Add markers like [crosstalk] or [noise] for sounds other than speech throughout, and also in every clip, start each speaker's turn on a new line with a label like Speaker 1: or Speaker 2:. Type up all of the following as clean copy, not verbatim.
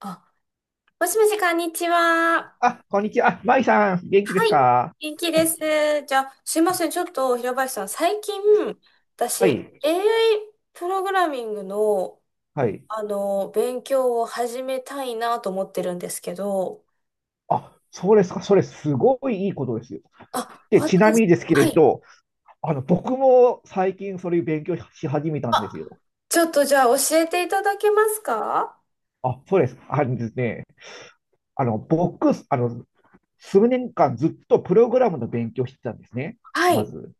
Speaker 1: あ、もしもし、こんにちは。
Speaker 2: あ、こんにちは。あ、まいさん、元気で
Speaker 1: は
Speaker 2: す
Speaker 1: い。
Speaker 2: か？
Speaker 1: 元気です。じゃあ、すいません。ちょっと、平林さん、最近、私、
Speaker 2: はい、
Speaker 1: AI プログラミングの、
Speaker 2: はい。
Speaker 1: 勉強を始めたいなと思ってるんですけど、
Speaker 2: あ、そうですか。それ、すごいいいことですよ。
Speaker 1: あ、
Speaker 2: で、ちなみ
Speaker 1: 私、
Speaker 2: にですけ
Speaker 1: は
Speaker 2: れ
Speaker 1: い。
Speaker 2: ど、僕も最近それ勉強し始めたん
Speaker 1: あ、
Speaker 2: ですよ。
Speaker 1: ちょっと、じゃあ、教えていただけますか？
Speaker 2: あ、そうです。あのですね、僕、数年間ずっとプログラムの勉強してたんですね。
Speaker 1: は
Speaker 2: ま
Speaker 1: い。
Speaker 2: ず、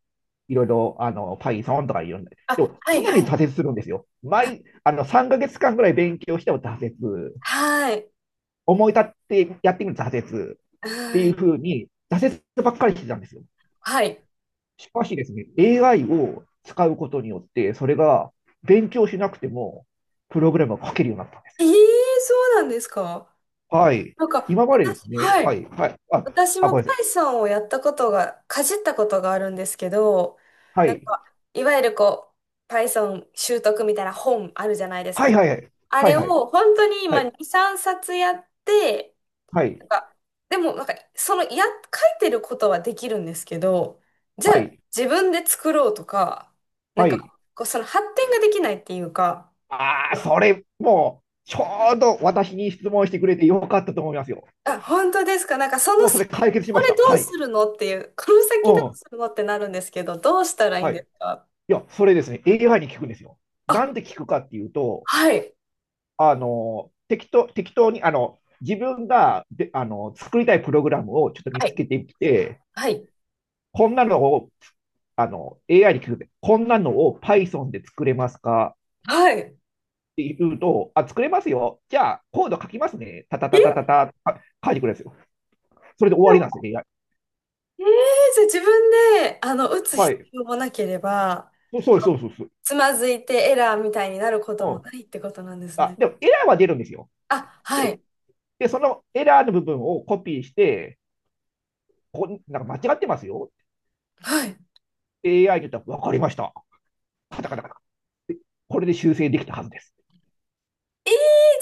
Speaker 2: いろいろ、Python とかいろんな。
Speaker 1: あ、
Speaker 2: でも、
Speaker 1: はい、
Speaker 2: 常
Speaker 1: は
Speaker 2: に
Speaker 1: い。
Speaker 2: 挫折するんですよ。毎、あの、3ヶ月間ぐらい勉強しても挫折。
Speaker 1: はい。
Speaker 2: 思い立ってやってみる挫折。って
Speaker 1: は
Speaker 2: いう
Speaker 1: い。
Speaker 2: ふうに挫折ばっかりしてたんですよ。
Speaker 1: はい。
Speaker 2: しかしですね、AI を使うことによって、それが勉強しなくても、プログラムが書けるようになったんです。
Speaker 1: ええ、そうなんですか？
Speaker 2: はい。
Speaker 1: なんか、
Speaker 2: 今までです
Speaker 1: 私、
Speaker 2: ね、
Speaker 1: は
Speaker 2: は
Speaker 1: い。
Speaker 2: い、はい、あ、
Speaker 1: 私
Speaker 2: あ、
Speaker 1: も
Speaker 2: ごめんなさい。
Speaker 1: Python をやったことが、かじったことがあるんですけど、
Speaker 2: は
Speaker 1: なん
Speaker 2: い、
Speaker 1: か、いわゆるこう、Python 習得みたいな本あるじゃないです
Speaker 2: は
Speaker 1: か。
Speaker 2: い、はい、はい、
Speaker 1: あ
Speaker 2: は
Speaker 1: れ
Speaker 2: い、
Speaker 1: を
Speaker 2: はい、
Speaker 1: 本当に
Speaker 2: は
Speaker 1: 今
Speaker 2: い、
Speaker 1: 2、3冊やって、
Speaker 2: はい、
Speaker 1: なんか、でもなんか、その、書いてることはできるんですけど、じゃ
Speaker 2: は
Speaker 1: あ
Speaker 2: い、
Speaker 1: 自分で作ろうとか、なん
Speaker 2: は
Speaker 1: か、
Speaker 2: い。
Speaker 1: こう、その発展ができないっていうか、
Speaker 2: ああ、それ、もう、ちょうど私に質問してくれてよかったと思いますよ。
Speaker 1: あ、本当ですか。なんかその
Speaker 2: もうそ
Speaker 1: 先、
Speaker 2: れ解決し
Speaker 1: こ
Speaker 2: まし
Speaker 1: れ
Speaker 2: た。
Speaker 1: どう
Speaker 2: はい。
Speaker 1: するのっていう、この
Speaker 2: う
Speaker 1: 先どう
Speaker 2: ん。
Speaker 1: するのってなるんですけど、どうしたらいいん
Speaker 2: はい。
Speaker 1: です
Speaker 2: い
Speaker 1: か？
Speaker 2: や、それですね、AI に聞くんですよ。
Speaker 1: あ、
Speaker 2: なんで聞くかっていうと、
Speaker 1: はい、
Speaker 2: 適当に、あの、自分が、で、あの、作りたいプログラムをちょっと見
Speaker 1: は
Speaker 2: つ
Speaker 1: い。
Speaker 2: けてきて、
Speaker 1: はい。
Speaker 2: こんなのを、AI に聞くで、こんなのを Python で作れますか
Speaker 1: はい。え、
Speaker 2: って言うと、あ、作れますよ。じゃあ、コード書きますね。たた
Speaker 1: え
Speaker 2: たたた
Speaker 1: ー、
Speaker 2: た、あ書いてくれるんですよ。それで終わりなんですよ、AI。
Speaker 1: じゃあ自分で、打つ
Speaker 2: は
Speaker 1: 必
Speaker 2: い。
Speaker 1: 要もなければ、
Speaker 2: そうです、そうです、そうです。
Speaker 1: つまずいてエラーみたいになることも
Speaker 2: うん、
Speaker 1: ないってことなんです
Speaker 2: あ、
Speaker 1: ね。
Speaker 2: でもエラーは出るんですよ。
Speaker 1: あ、は
Speaker 2: で、
Speaker 1: い、
Speaker 2: で、そのエラーの部分をコピーして、ここなんか間違ってますよ。
Speaker 1: はい。
Speaker 2: AI に言ったら、わかりました。カタカタカ、これで修正できたはずです。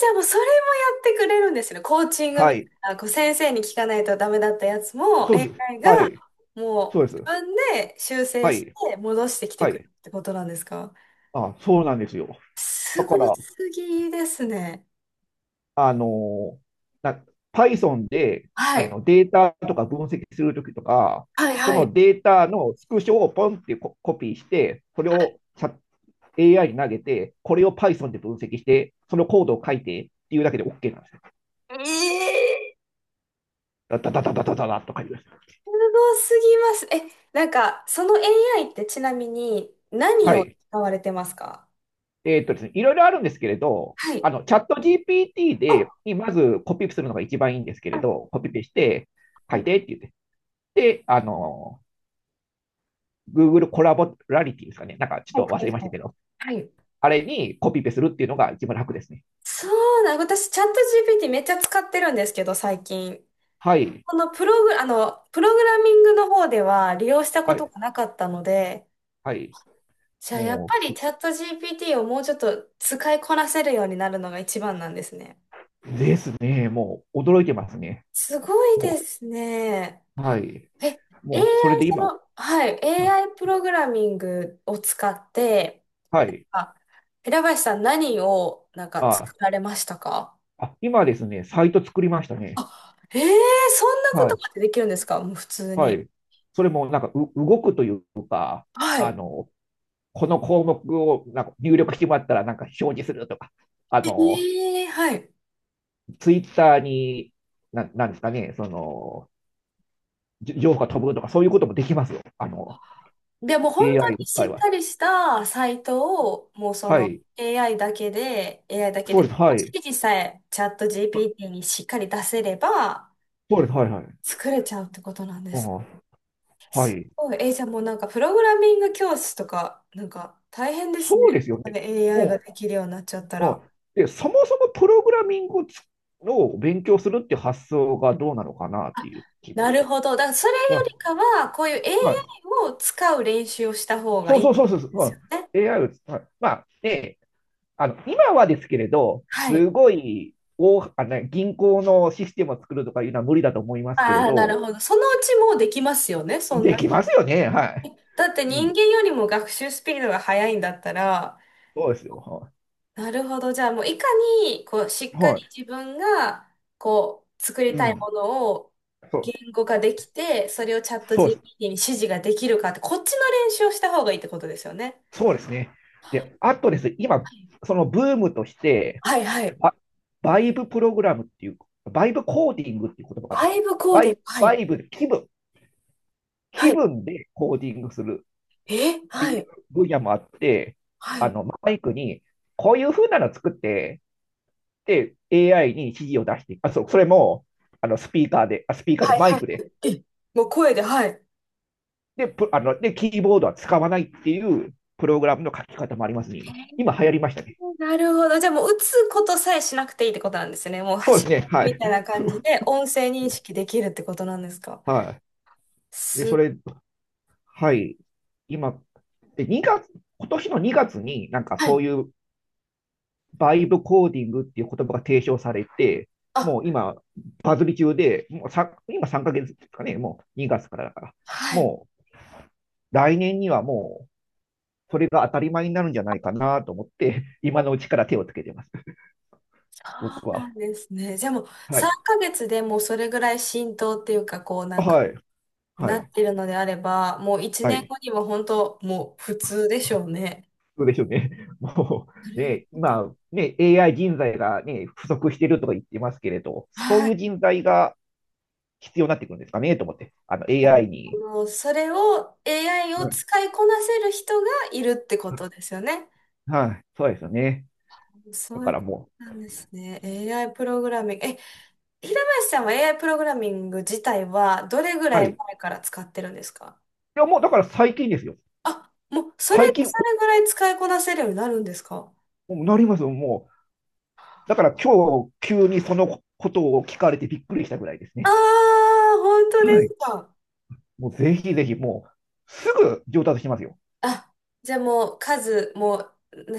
Speaker 1: じゃあもうそれもやってくれるんですよね。コーチング
Speaker 2: は
Speaker 1: みたい
Speaker 2: い。
Speaker 1: な、こう先生に聞かないとダメだったやつも
Speaker 2: そうです。
Speaker 1: AI が
Speaker 2: はい。
Speaker 1: も
Speaker 2: そう
Speaker 1: う
Speaker 2: で
Speaker 1: 自
Speaker 2: す。
Speaker 1: 分で修正
Speaker 2: は
Speaker 1: し
Speaker 2: い。
Speaker 1: て戻してきて
Speaker 2: は
Speaker 1: くる
Speaker 2: い。
Speaker 1: ってことなんですか？
Speaker 2: あ、そうなんですよ。だ
Speaker 1: すご
Speaker 2: から、
Speaker 1: すぎですね。
Speaker 2: あのな、Python で
Speaker 1: はい。
Speaker 2: データとか分析するときとか、
Speaker 1: はい、
Speaker 2: そ
Speaker 1: は
Speaker 2: の
Speaker 1: い。
Speaker 2: データのスクショをポンってココピーして、それを AI に投げて、これを Python で分析して、そのコードを書いてっていうだけで OK なんですよ。
Speaker 1: ええ、
Speaker 2: ダダダダダダダッと書いてください。
Speaker 1: すごすぎます。え、なんか、その AI ってちなみに何
Speaker 2: は
Speaker 1: を
Speaker 2: い。
Speaker 1: 使われてますか？
Speaker 2: ですね、いろいろあるんですけれど、
Speaker 1: はい。
Speaker 2: チャット GPT で、
Speaker 1: あ、
Speaker 2: にまずコピーするのが一番いいんですけれ
Speaker 1: あ、
Speaker 2: ど、コピペして、書
Speaker 1: は
Speaker 2: い
Speaker 1: い、
Speaker 2: てって言って、で、Google コラボラリティですかね。なんかち
Speaker 1: はい、
Speaker 2: ょっと忘
Speaker 1: は
Speaker 2: れ
Speaker 1: い、
Speaker 2: まし
Speaker 1: は
Speaker 2: た
Speaker 1: い。
Speaker 2: けど、
Speaker 1: はい。
Speaker 2: あれにコピペするっていうのが一番楽ですね。
Speaker 1: そうな、私、チャット GPT めっちゃ使ってるんですけど、最近。
Speaker 2: はい。
Speaker 1: このプログラミングの方では利用したこ
Speaker 2: は
Speaker 1: と
Speaker 2: い。
Speaker 1: がなかったので、
Speaker 2: はい。
Speaker 1: じゃあやっ
Speaker 2: も
Speaker 1: ぱ
Speaker 2: うす、
Speaker 1: りチャット GPT をもうちょっと使いこなせるようになるのが一番なんですね。
Speaker 2: ですね。もう、驚いてますね。
Speaker 1: すごいで
Speaker 2: も
Speaker 1: すね。
Speaker 2: う、はい。
Speaker 1: え、AI、
Speaker 2: もう、それで
Speaker 1: そ
Speaker 2: 今、
Speaker 1: の、はい、AI プログラミングを使って、
Speaker 2: はい。
Speaker 1: あ、平林さん何をなんか
Speaker 2: あ、
Speaker 1: 作られましたか？
Speaker 2: あ、今ですね、サイト作りましたね。
Speaker 1: あ、ええ、そんなこ
Speaker 2: は
Speaker 1: と
Speaker 2: い。
Speaker 1: までできるんですか？もう普通
Speaker 2: は
Speaker 1: に。
Speaker 2: い。それもなんか動くというか、
Speaker 1: は
Speaker 2: あ
Speaker 1: い。
Speaker 2: の、この項目をなんか入力してもらったらなんか表示するとか、あの、
Speaker 1: ええ、はい。
Speaker 2: ツイッターに、なんですかね、その、情報が飛ぶとか、そういうこともできますよ。
Speaker 1: で、もう本
Speaker 2: AI
Speaker 1: 当
Speaker 2: を
Speaker 1: にし
Speaker 2: 使え
Speaker 1: っ
Speaker 2: ば。
Speaker 1: かりしたサイトを、もうそ
Speaker 2: は
Speaker 1: の
Speaker 2: い。
Speaker 1: AI だけで、AI だけ
Speaker 2: そう
Speaker 1: で、
Speaker 2: です。はい。
Speaker 1: 指示さえチャット GPT にしっかり出せれば
Speaker 2: そうです。はい。はい。
Speaker 1: 作れちゃうってことなんで
Speaker 2: う
Speaker 1: す。す
Speaker 2: ん、はい。
Speaker 1: いえーじゃあもうなんかプログラミング教室とか、なんか大変ですね。
Speaker 2: そうですよ
Speaker 1: そ
Speaker 2: ね。
Speaker 1: れ
Speaker 2: う
Speaker 1: AI
Speaker 2: ん。
Speaker 1: ができるようになっちゃった
Speaker 2: う
Speaker 1: ら。
Speaker 2: ん。で、そもそもプログラミングを勉強するっていう発想がどうなのかなっていう気持
Speaker 1: な
Speaker 2: ち
Speaker 1: る
Speaker 2: で。
Speaker 1: ほど。だからそれよ
Speaker 2: あ、
Speaker 1: りかは、こういう
Speaker 2: はい。
Speaker 1: AI を使う練習をした方が
Speaker 2: そ
Speaker 1: い
Speaker 2: う
Speaker 1: いん
Speaker 2: そうそうそうそ
Speaker 1: ですよ
Speaker 2: う、
Speaker 1: ね。
Speaker 2: うん、AI をはい、まあ、で、今はですけれど、
Speaker 1: は
Speaker 2: す
Speaker 1: い。
Speaker 2: ごい大、あの、銀行のシステムを作るとかいうのは無理だと思いますけれ
Speaker 1: ああ、なる
Speaker 2: ど、
Speaker 1: ほど。そのうちもうできますよね、そん
Speaker 2: で
Speaker 1: だけ。
Speaker 2: きますよね、は
Speaker 1: だって
Speaker 2: い。う
Speaker 1: 人
Speaker 2: ん、
Speaker 1: 間よりも学習スピードが速いんだったら、
Speaker 2: そうですよ。は
Speaker 1: なるほど。じゃあもういかに、こう、し
Speaker 2: い。
Speaker 1: っか
Speaker 2: は
Speaker 1: り
Speaker 2: い、
Speaker 1: 自分が、こう、作り
Speaker 2: う
Speaker 1: たい
Speaker 2: ん、
Speaker 1: ものを
Speaker 2: そ
Speaker 1: 言
Speaker 2: う、
Speaker 1: 語化できて、それをチャット
Speaker 2: そうです。
Speaker 1: GPT に指示ができるかって、こっちの練習をした方がいいってことですよね。
Speaker 2: そうですね。で、あとですね、今、
Speaker 1: は
Speaker 2: そのブームとして、
Speaker 1: い、はい、はい。
Speaker 2: バ、バイブプログラムっていう、バイブコーディングっていう言葉があるん
Speaker 1: バ
Speaker 2: ですよ。
Speaker 1: イブコー
Speaker 2: バ
Speaker 1: ディン
Speaker 2: イ、
Speaker 1: グ。は
Speaker 2: バ
Speaker 1: い。
Speaker 2: イブ、
Speaker 1: は
Speaker 2: 気
Speaker 1: い、
Speaker 2: 分でコーディングする。
Speaker 1: え、
Speaker 2: って
Speaker 1: は
Speaker 2: いう
Speaker 1: い、
Speaker 2: 分野もあって、
Speaker 1: はい、
Speaker 2: マイクに、こういう風なの作って、で、AI に指示を出して、あ、そう、それも、スピーカーで、
Speaker 1: はい、
Speaker 2: マ
Speaker 1: は
Speaker 2: イ
Speaker 1: い。
Speaker 2: クで、
Speaker 1: え、もう声で、はい。
Speaker 2: で、プあの、で、キーボードは使わないっていうプログラムの書き方もありますね、
Speaker 1: へ
Speaker 2: 今。今流行り
Speaker 1: ー、
Speaker 2: ましたね。
Speaker 1: なるほど。じゃあもう打つことさえしなくていいってことなんですね。もう
Speaker 2: そうで
Speaker 1: 走
Speaker 2: す
Speaker 1: る
Speaker 2: ね、は
Speaker 1: み
Speaker 2: い。
Speaker 1: たいな感じで音声認識できるってことなんですか？
Speaker 2: [laughs] はい。で、
Speaker 1: す
Speaker 2: そ
Speaker 1: っ
Speaker 2: れ、はい。今、で、2月、今年の2月になんか
Speaker 1: は
Speaker 2: そ
Speaker 1: い。
Speaker 2: ういうバイブコーディングっていう言葉が提唱されて、
Speaker 1: あ、
Speaker 2: もう今、バズり中で、もうさ今3ヶ月ですかね、もう2月からだから、
Speaker 1: はい。
Speaker 2: もう来年にはもうそれが当たり前になるんじゃないかなと思って、[laughs] 今
Speaker 1: そ
Speaker 2: のうちから手をつけてます、僕
Speaker 1: うな
Speaker 2: は。
Speaker 1: んですね。じゃあもう
Speaker 2: はい。
Speaker 1: 3ヶ月でもうそれぐらい浸透っていうか、こうなんか
Speaker 2: はい。は
Speaker 1: なっ
Speaker 2: い。
Speaker 1: てるのであれば、もう1
Speaker 2: は
Speaker 1: 年
Speaker 2: い。
Speaker 1: 後には本当もう普通でしょうね。
Speaker 2: そうでしょうね。[laughs] も
Speaker 1: な
Speaker 2: う
Speaker 1: る
Speaker 2: ね、
Speaker 1: ほど。
Speaker 2: 今、ね、AI 人材がね、不足してるとか言ってますけれど、そう
Speaker 1: は
Speaker 2: いう
Speaker 1: い。
Speaker 2: 人材が必要になってくるんですかねと思って、AI に。
Speaker 1: もうそれを AI を
Speaker 2: うん、
Speaker 1: 使いこなせる人がいるってことですよね。
Speaker 2: はい。そうですよね。
Speaker 1: そ
Speaker 2: だ
Speaker 1: うい
Speaker 2: か
Speaker 1: う
Speaker 2: ら
Speaker 1: こ
Speaker 2: も
Speaker 1: となんですね。AI プログラミング。え、平林さんは AI プログラミング自体はどれぐ
Speaker 2: う。
Speaker 1: ら
Speaker 2: はい。
Speaker 1: い
Speaker 2: い
Speaker 1: 前から使ってるんですか？
Speaker 2: や、もうだから最近ですよ。
Speaker 1: あ、もうそれ、
Speaker 2: 最近、
Speaker 1: それぐらい使いこなせるようになるんですか？
Speaker 2: なりますよ、もう。だから今日、急にそのことを聞かれてびっくりしたぐらいです
Speaker 1: あ
Speaker 2: ね。
Speaker 1: あー、本当で
Speaker 2: はい。
Speaker 1: すか。
Speaker 2: もうぜひぜひ、もう、すぐ上達しますよ。
Speaker 1: あ、じゃあもう数も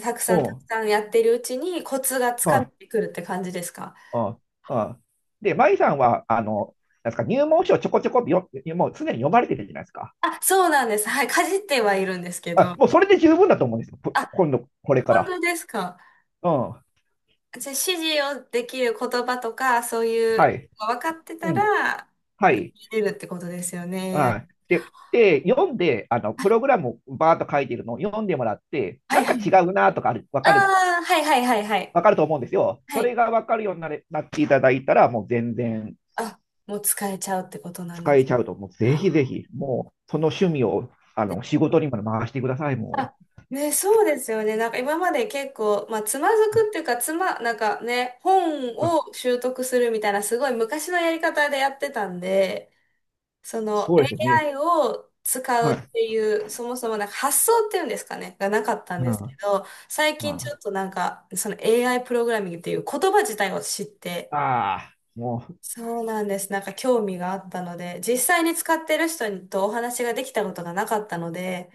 Speaker 1: たくさ
Speaker 2: う
Speaker 1: んたく
Speaker 2: ん。
Speaker 1: さんやってるうちにコツがつか
Speaker 2: あ
Speaker 1: めてくるって感じですか？
Speaker 2: あ、ああで、舞さんは、なんですか、入門書をちょこちょこもう常に読まれてるじゃないですか。
Speaker 1: あ、そうなんです。はい、かじってはいるんですけ
Speaker 2: あ、
Speaker 1: ど。
Speaker 2: もうそれで十分だと思うんですよ。
Speaker 1: あ、
Speaker 2: 今度、これか
Speaker 1: 本
Speaker 2: ら。
Speaker 1: 当ですか。
Speaker 2: うん。
Speaker 1: じゃあ、指示をできる言葉とか、そうい
Speaker 2: は
Speaker 1: う
Speaker 2: い。
Speaker 1: の分かって
Speaker 2: う
Speaker 1: た
Speaker 2: ん。
Speaker 1: ら、
Speaker 2: はい。
Speaker 1: 入れるってことですよね、
Speaker 2: は
Speaker 1: AI。
Speaker 2: い。で、読んで、プログラムをバーッと書いてるのを読んでもらって、
Speaker 1: は
Speaker 2: な
Speaker 1: い、
Speaker 2: ん
Speaker 1: は
Speaker 2: か違
Speaker 1: い。
Speaker 2: うなとかわ
Speaker 1: あ
Speaker 2: かる、
Speaker 1: あ、はい、はい、はい、はい。
Speaker 2: わかると思うんですよ。
Speaker 1: は
Speaker 2: それ
Speaker 1: い。
Speaker 2: がわかるようになっていただいたら、もう全然
Speaker 1: あ、もう使えちゃうってことなんで
Speaker 2: 使え
Speaker 1: す。
Speaker 2: ちゃうと、もうぜひぜひ、もうその趣味を、
Speaker 1: で、
Speaker 2: 仕事にも回してください、も
Speaker 1: あ、
Speaker 2: う。
Speaker 1: ね、そうですよね。なんか今まで結構、まあ、つまずくっていうか、なんかね、本
Speaker 2: うん、
Speaker 1: を習得するみたいな、すごい昔のやり方でやってたんで、その
Speaker 2: そうですよね。
Speaker 1: AI を使
Speaker 2: は
Speaker 1: う
Speaker 2: い。
Speaker 1: っていう、そもそもなんか発想っていうんですかね、がなかったん
Speaker 2: う
Speaker 1: ですけ
Speaker 2: ん、
Speaker 1: ど、最近ち
Speaker 2: あ
Speaker 1: ょっとなんか、その AI プログラミングっていう言葉自体を知って、
Speaker 2: あー、もう、
Speaker 1: そうなんです。なんか興味があったので、実際に使ってる人とお話ができたことがなかったので、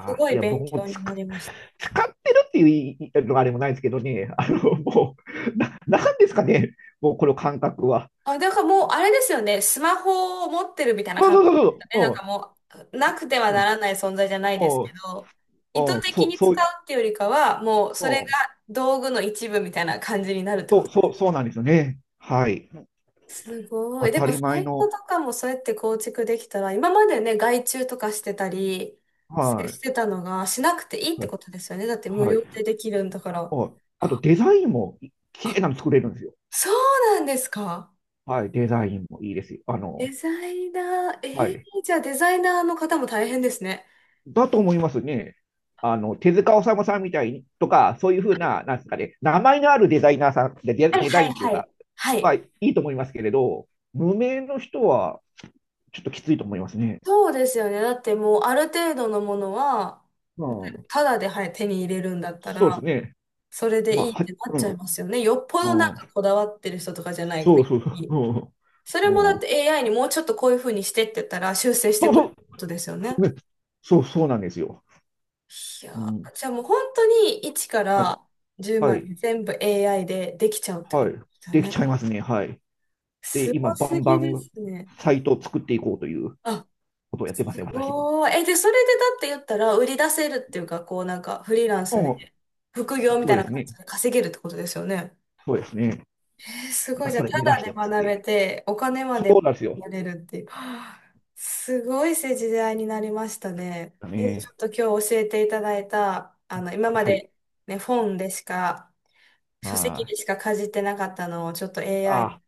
Speaker 1: す
Speaker 2: あ、
Speaker 1: ご
Speaker 2: い
Speaker 1: い
Speaker 2: や、僕
Speaker 1: 勉
Speaker 2: も
Speaker 1: 強
Speaker 2: 使
Speaker 1: にな
Speaker 2: っ、
Speaker 1: りました。
Speaker 2: 使ってるっていういいのがあれもないですけどね、もう、なんですかね、もうこの感覚は。
Speaker 1: あ、だからもう、あれですよね。スマホを持ってるみたいな
Speaker 2: そう
Speaker 1: 感
Speaker 2: そ
Speaker 1: じ
Speaker 2: う
Speaker 1: で
Speaker 2: そ
Speaker 1: す
Speaker 2: う
Speaker 1: よね。なん
Speaker 2: そ
Speaker 1: かもう、なくては
Speaker 2: う。うん、
Speaker 1: な
Speaker 2: うん、
Speaker 1: らない存在じゃない
Speaker 2: う
Speaker 1: ですけど、意
Speaker 2: ん、
Speaker 1: 図
Speaker 2: うん、そ
Speaker 1: 的
Speaker 2: う、
Speaker 1: に
Speaker 2: そ
Speaker 1: 使
Speaker 2: う、うん、
Speaker 1: うっていうよりかは、もう、それが道具の一部みたいな感じになるって
Speaker 2: そ
Speaker 1: こ
Speaker 2: う、
Speaker 1: と。
Speaker 2: そう、そうなんですよね。はい。
Speaker 1: すご
Speaker 2: 当
Speaker 1: い。で
Speaker 2: た
Speaker 1: も、
Speaker 2: り
Speaker 1: サ
Speaker 2: 前
Speaker 1: イト
Speaker 2: の、
Speaker 1: とかもそうやって構築できたら、今までね、外注とかしてたりし
Speaker 2: は
Speaker 1: してたのが、しなくていいっ
Speaker 2: い、
Speaker 1: て
Speaker 2: はい、
Speaker 1: ことですよね。だって無
Speaker 2: はい。
Speaker 1: 料でできるんだから。
Speaker 2: うん、あと、デザインも綺麗
Speaker 1: あ、
Speaker 2: なの作れるんですよ。
Speaker 1: そうなんですか。
Speaker 2: はい、デザインもいいですよ。
Speaker 1: デザイナー、え
Speaker 2: は
Speaker 1: ー、
Speaker 2: い。
Speaker 1: じゃあデザイナーの方も大変ですね。
Speaker 2: だと思いますね。手塚治虫さんみたいに、とか、そういうふうな、なんですかね、名前のあるデザイナーさん、
Speaker 1: はい、
Speaker 2: デザ
Speaker 1: は
Speaker 2: イ
Speaker 1: い、
Speaker 2: ンっていう
Speaker 1: は
Speaker 2: か、
Speaker 1: い。は
Speaker 2: まあ、
Speaker 1: い。
Speaker 2: いいと思いますけれど、無名の人は、ちょっときついと思いますね。
Speaker 1: そうですよね。だってもうある程度のものは、
Speaker 2: うん、
Speaker 1: ただで、はい、手に入れるんだった
Speaker 2: そうです
Speaker 1: ら、
Speaker 2: ね。
Speaker 1: それで
Speaker 2: まあ、
Speaker 1: いいってなっ
Speaker 2: う
Speaker 1: ちゃいますよね。よっぽどな
Speaker 2: ん、う
Speaker 1: ん
Speaker 2: ん、
Speaker 1: かこだわってる人とかじゃない
Speaker 2: そう
Speaker 1: 限
Speaker 2: そうそ
Speaker 1: り。
Speaker 2: う、
Speaker 1: それ
Speaker 2: う
Speaker 1: もだ
Speaker 2: ん、
Speaker 1: っ
Speaker 2: う
Speaker 1: て
Speaker 2: ん、
Speaker 1: AI にもうちょっとこういう風にしてって言ったら修正
Speaker 2: [laughs]
Speaker 1: し
Speaker 2: そ
Speaker 1: て
Speaker 2: う
Speaker 1: くれ
Speaker 2: そ
Speaker 1: ることですよね。
Speaker 2: うねそうそうなんですよ。
Speaker 1: い
Speaker 2: う
Speaker 1: や
Speaker 2: ん、
Speaker 1: ー、じゃあもう本当に1か
Speaker 2: はい、
Speaker 1: ら10
Speaker 2: は
Speaker 1: まで
Speaker 2: い、
Speaker 1: 全部 AI でできちゃうってこ
Speaker 2: は
Speaker 1: と
Speaker 2: い。
Speaker 1: ですよ
Speaker 2: でき
Speaker 1: ね。
Speaker 2: ちゃいますね、はい。で、
Speaker 1: す
Speaker 2: 今、
Speaker 1: ご
Speaker 2: バ
Speaker 1: す
Speaker 2: ンバ
Speaker 1: ぎで
Speaker 2: ン
Speaker 1: すね。
Speaker 2: サイトを作っていこうという
Speaker 1: あ、
Speaker 2: ことをやってますね、私も。
Speaker 1: おー、え、で、それでだって言ったら、売り出せるっていうか、こうなんか、フリーラン
Speaker 2: う
Speaker 1: スで、
Speaker 2: ん、
Speaker 1: 副業み
Speaker 2: そ
Speaker 1: た
Speaker 2: う
Speaker 1: い
Speaker 2: で
Speaker 1: な
Speaker 2: す
Speaker 1: 感じ
Speaker 2: ね、
Speaker 1: で稼げるってことですよね。
Speaker 2: そうですね。
Speaker 1: え、すご
Speaker 2: ま
Speaker 1: い、
Speaker 2: あ、
Speaker 1: じゃ
Speaker 2: そ
Speaker 1: あ、
Speaker 2: れ
Speaker 1: た
Speaker 2: 目指
Speaker 1: だ
Speaker 2: し
Speaker 1: で
Speaker 2: てます
Speaker 1: 学
Speaker 2: ね。
Speaker 1: べて、お金ま
Speaker 2: そ
Speaker 1: で
Speaker 2: うなんですよ。
Speaker 1: やれるっていう。はあ、すごい時代になりましたね。
Speaker 2: だ
Speaker 1: え、ちょ
Speaker 2: ね。
Speaker 1: っと今日教えていただいた、今ま
Speaker 2: はい。
Speaker 1: でね、本でしか、
Speaker 2: ま
Speaker 1: 書籍でしかかじってなかったのを、ちょっと AI
Speaker 2: あ、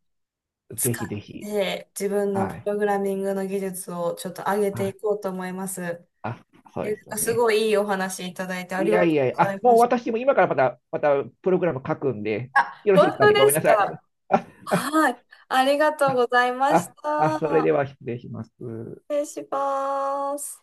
Speaker 2: あ、ぜ
Speaker 1: 使
Speaker 2: ひぜ
Speaker 1: っ
Speaker 2: ひ。
Speaker 1: て、自分の
Speaker 2: は
Speaker 1: プ
Speaker 2: い。
Speaker 1: ログラミングの技術をちょっと上げ
Speaker 2: は
Speaker 1: てい
Speaker 2: い。
Speaker 1: こうと思います。
Speaker 2: あ、そうで
Speaker 1: で、
Speaker 2: すよ
Speaker 1: す
Speaker 2: ね。
Speaker 1: ごいいいお話いただいてあ
Speaker 2: い
Speaker 1: り
Speaker 2: や
Speaker 1: がと
Speaker 2: い
Speaker 1: う
Speaker 2: やいや、
Speaker 1: ござ
Speaker 2: あ、
Speaker 1: いま
Speaker 2: もう
Speaker 1: し
Speaker 2: 私も今からまたプログラム書くんで、
Speaker 1: た。あ、
Speaker 2: よろしい
Speaker 1: 本
Speaker 2: ですか
Speaker 1: 当
Speaker 2: ね。ご
Speaker 1: で
Speaker 2: めん
Speaker 1: す
Speaker 2: なさい。
Speaker 1: か。
Speaker 2: あ、あ、
Speaker 1: はい。ありがとうございま
Speaker 2: あ、
Speaker 1: し
Speaker 2: あ、あ、それで
Speaker 1: た。
Speaker 2: は失礼します。
Speaker 1: 失礼します。